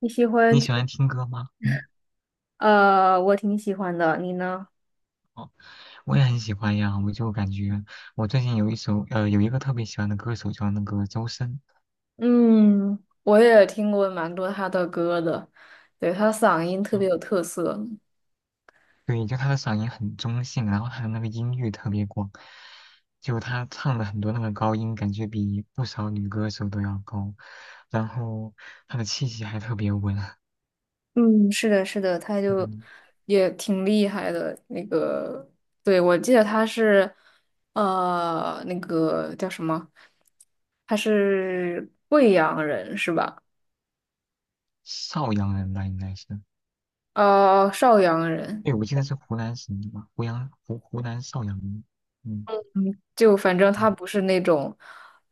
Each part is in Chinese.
你喜欢你听？喜欢听歌吗？嗯。我挺喜欢的，你呢？哦，我也很喜欢呀。我就感觉我最近有一个特别喜欢的歌手叫那个周深。嗯，我也听过蛮多他的歌的，对，他嗓音特嗯。别有特色，对，就他的嗓音很中性，然后他的那个音域特别广，就他唱的很多那个高音，感觉比不少女歌手都要高，然后他的气息还特别稳。嗯，是的，是的，嗯。也挺厉害的。那个，对，我记得他是，那个叫什么？他是贵阳人是吧？邵阳人吧应该是。哦、邵阳人。对，我记得是湖南省的吧，湖南邵阳人。嗯就反正他嗯。不是那种，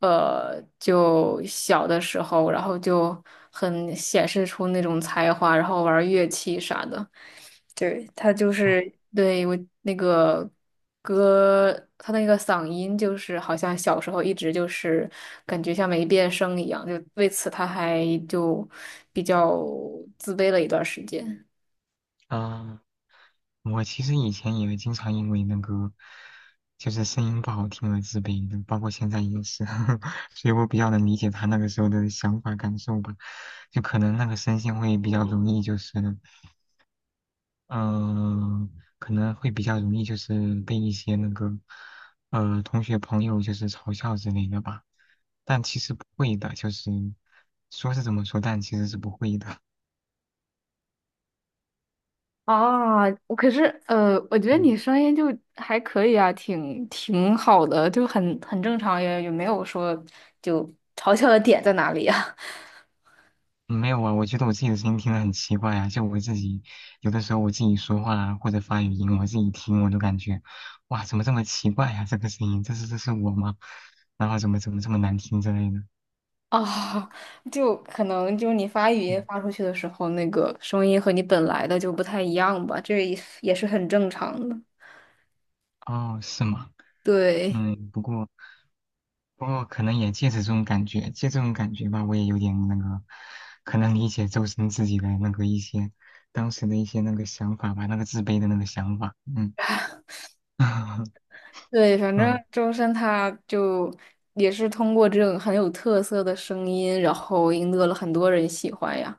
就小的时候，然后就很显示出那种才华，然后玩乐器啥的。对，他就哦。是对我那个歌，他那个嗓音就是好像小时候一直就是感觉像没变声一样，就为此他还就比较自卑了一段时间。啊，我其实以前也经常因为那个就是声音不好听而自卑的，包括现在也是。所以我比较能理解他那个时候的想法感受吧。就可能那个声线会比较容易，就是嗯、呃可能会比较容易就是被一些那个同学朋友就是嘲笑之类的吧。但其实不会的，就是说是这么说，但其实是不会的。啊，我可是我觉 得嗯。你声音就还可以啊，挺好的，就很正常，也没有说就嘲笑的点在哪里呀？没有啊，我觉得我自己的声音听得很奇怪啊，就我自己有的时候我自己说话啊或者发语音，我自己听我都感觉，哇，怎么这么奇怪呀、这个声音，这是这是我吗？然后怎么这么难听之类的。啊，就可能就是你发语音嗯，发出去的时候，那个声音和你本来的就不太一样吧，这也是很正常的。哦，是吗？对，嗯。不过不过可能也借着这种感觉，借这种感觉吧，我也有点那个，可能理解周深自己的那个一些当时的一些那个想法吧，那个自卑的那个想法。嗯。 对，反正嗯。周深他就也是通过这种很有特色的声音，然后赢得了很多人喜欢呀。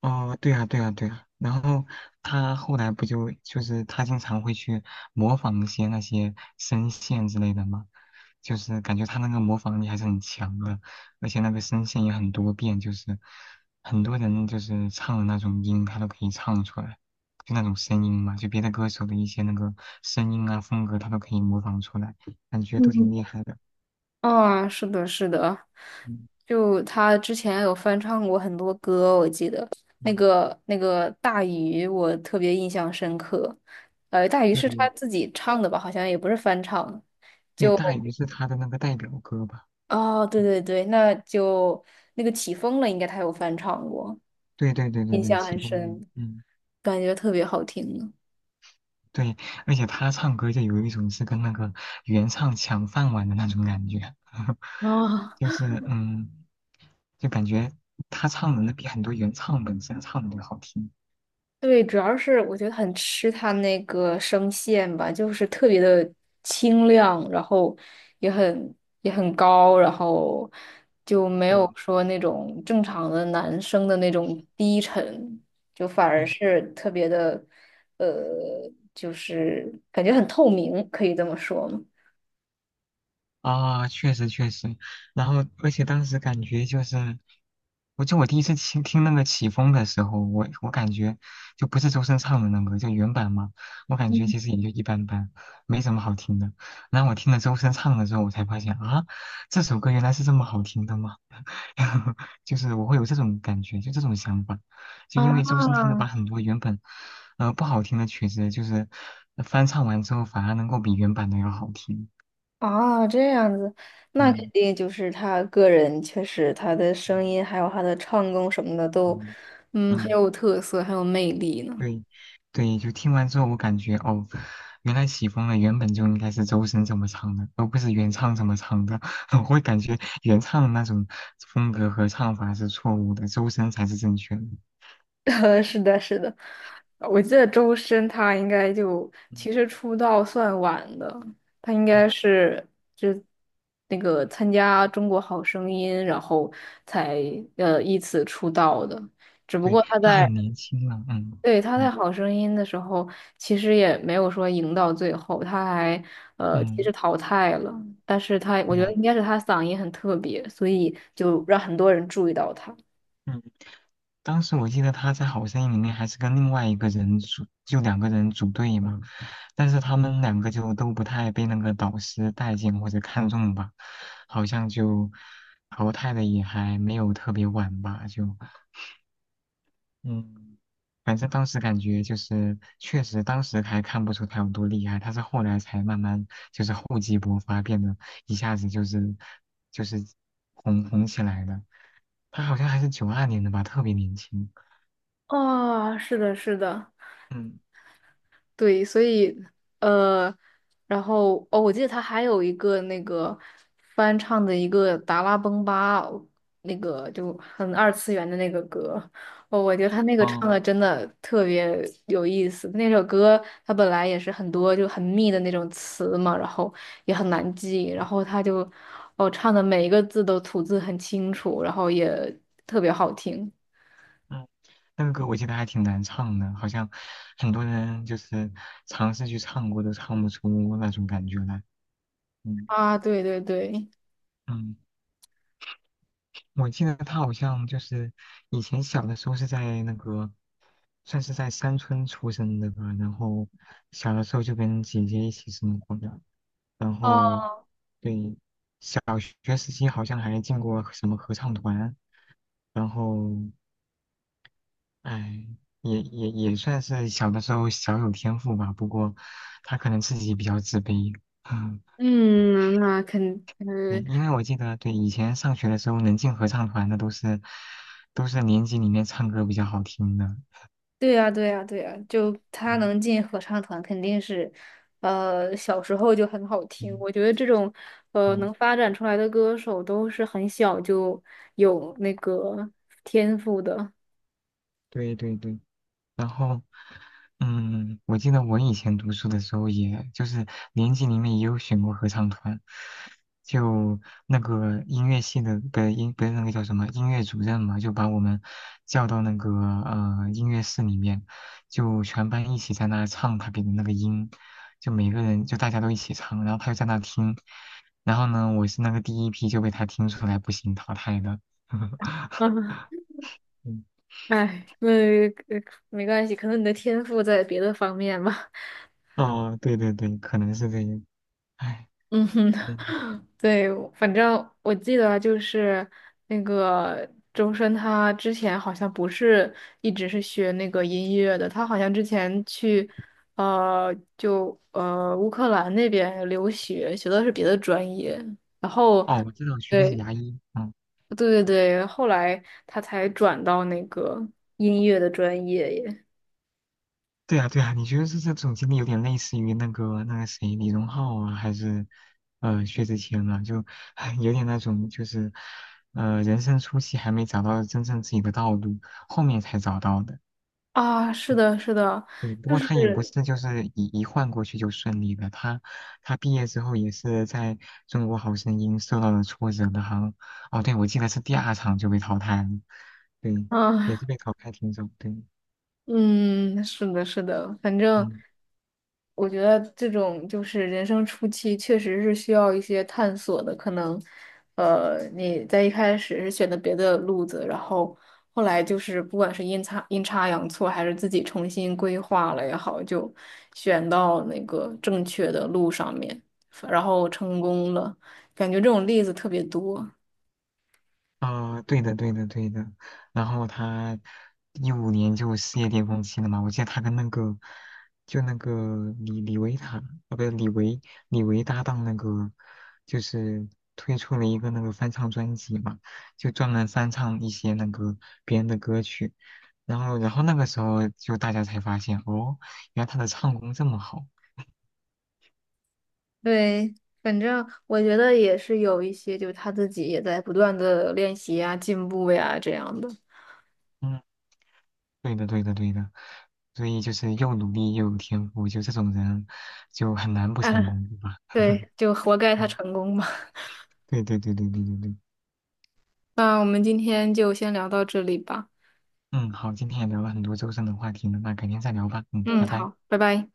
哦，对啊，对啊，对啊。然后他后来不就就是他经常会去模仿一些那些声线之类的嘛，就是感觉他那个模仿力还是很强的，而且那个声线也很多变，就是很多人就是唱的那种音，他都可以唱出来，就那种声音嘛，就别的歌手的一些那个声音啊风格，他都可以模仿出来，感觉都挺嗯。厉害的。啊，是的，是的，嗯就他之前有翻唱过很多歌，我记得那嗯。个那个大鱼，我特别印象深刻。大鱼对是他自己唱的吧？好像也不是翻唱，对，就大鱼是他的那个代表歌吧？哦，对对对，那就那个起风了，应该他有翻唱过，对对对对印对，象其很中一个。深，嗯。感觉特别好听呢对，而且他唱歌就有一种是跟那个原唱抢饭碗的那种感觉。啊、就是就感觉他唱的那比很多原唱本身唱的都好听。对，主要是我觉得很吃他那个声线吧，就是特别的清亮，然后也很也很高，然后就没对。有说那种正常的男生的那种低沉，就反而是特别的，呃，就是感觉很透明，可以这么说吗？啊，确实确实，然后而且当时感觉就是，我就我第一次听那个起风的时候，我感觉就不是周深唱的那个，就原版嘛，我感觉其实也就一般般，没什么好听的。然后我听了周深唱的之后，我才发现啊，这首歌原来是这么好听的吗？就是我会有这种感觉，就这种想法，就因啊，为周深他能把很多原本不好听的曲子，就是翻唱完之后反而能够比原版的要好听。啊，这样子，那肯嗯。定就是他个人确实他的声嗯音还有他的唱功什么的都，嗯嗯，很嗯，有特色，很有魅力呢。对 对，就听完之后，我感觉哦，原来起风了，原本就应该是周深怎么唱的，而不是原唱怎么唱的。我会感觉原唱的那种风格和唱法是错误的，周深才是正确的。呃是的，是的，我记得周深他应该就嗯，其实出道算晚的，他应嗯。该是就那个参加《中国好声音》，然后才依次出道的。只不对，过他他在很年轻了。嗯对，他在嗯《好声音》的时候，其实也没有说赢到最后，他还其嗯。实淘汰了，但是他我对觉得啊。应该是他嗓音很特别，所以就让很多人注意到他。嗯。当时我记得他在《好声音》里面还是跟另外一个人组，就两个人组队嘛，但是他们两个就都不太被那个导师待见或者看中吧，好像就淘汰的也还没有特别晚吧。就嗯，反正当时感觉就是确实当时还看不出他有多厉害，他是后来才慢慢就是厚积薄发，变得一下子就是红起来的，他好像还是92年的吧，特别年轻。啊，是的，是的，嗯。对，所以呃，然后哦，我记得他还有一个那个翻唱的一个《达拉崩吧》，那个就很二次元的那个歌，哦，我觉得他那个唱嗯的真的特别有意思。那首歌他本来也是很多就很密的那种词嘛，然后也很难记，然后他就哦唱的每一个字都吐字很清楚，然后也特别好听嗯，那个歌我记得还挺难唱的，好像很多人就是尝试去唱过，都唱不出那种感觉来。嗯。啊，对对对。嗯，我记得他好像就是以前小的时候是在那个，算是在山村出生的吧，然后小的时候就跟姐姐一起生活的，然后哦，对小学时期好像还进过什么合唱团，然后哎，也算是小的时候小有天赋吧，不过他可能自己比较自卑。嗯。嗯，那肯，对，因为我记得，对，以前上学的时候能进合唱团的都是年级里面唱歌比较好听的。对呀，对呀，对呀，就他嗯能进合唱团，肯定是，小时候就很好听。嗯我觉得这种，嗯，能发展出来的歌手都是很小就有那个天赋的。对对对。然后。嗯，我记得我以前读书的时候也，就是年级里面也有选过合唱团，就那个音乐系的音不是那个叫什么音乐主任嘛，就把我们叫到那个音乐室里面，就全班一起在那唱他给的那个音，就每个人就大家都一起唱，然后他就在那听，然后呢，我是那个第一批就被他听出来不行淘汰的。啊，嗯，哎，那呃没关系，可能你的天赋在别的方面吧。哦，对对对，可能是这样。唉。嗯哼，嗯。 对，反正我记得就是那个周深，他之前好像不是一直是学那个音乐的，他好像之前去呃就呃乌克兰那边留学，学的是别的专业，然后哦，我知道学的是对牙医。嗯，对对对，后来他才转到那个音乐的专业耶。对啊，对啊，你觉得是这种经历有点类似于那个谁李荣浩啊，还是薛之谦啊？就 有点那种就是人生初期还没找到真正自己的道路，后面才找到的。啊，是嗯。的，是的，对，不就过他也不是是，就是一换过去就顺利的，他毕业之后也是在中国好声音受到了挫折的，好像哦，对，我记得是第二场就被淘汰了，对，也啊，是被淘汰挺久，对。嗯，是的，是的，反正。嗯。我觉得这种就是人生初期，确实是需要一些探索的。可能，你在一开始是选的别的路子，然后后来就是不管是阴差阳错，还是自己重新规划了也好，就选到那个正确的路上面，然后成功了。感觉这种例子特别多。啊、对的，对的，对的。然后他2015年就事业巅峰期了嘛，我记得他跟那个就那个李维塔，啊，不是李维搭档那个，就是推出了一个那个翻唱专辑嘛，就专门翻唱一些那个别人的歌曲。然后，然后那个时候就大家才发现，哦，原来他的唱功这么好。对，反正我觉得也是有一些，就是他自己也在不断的练习呀、进步呀这样的。嗯。对的，对的，对的，所以就是又努力又有天赋，就这种人就很难不成 功，对吧？对，就活该他嗯。成功吧。对对对对对对对，那我们今天就先聊到这里吧。嗯，好，今天也聊了很多周深的话题了，那改天再聊吧，嗯，嗯，嗯拜拜。好，拜拜。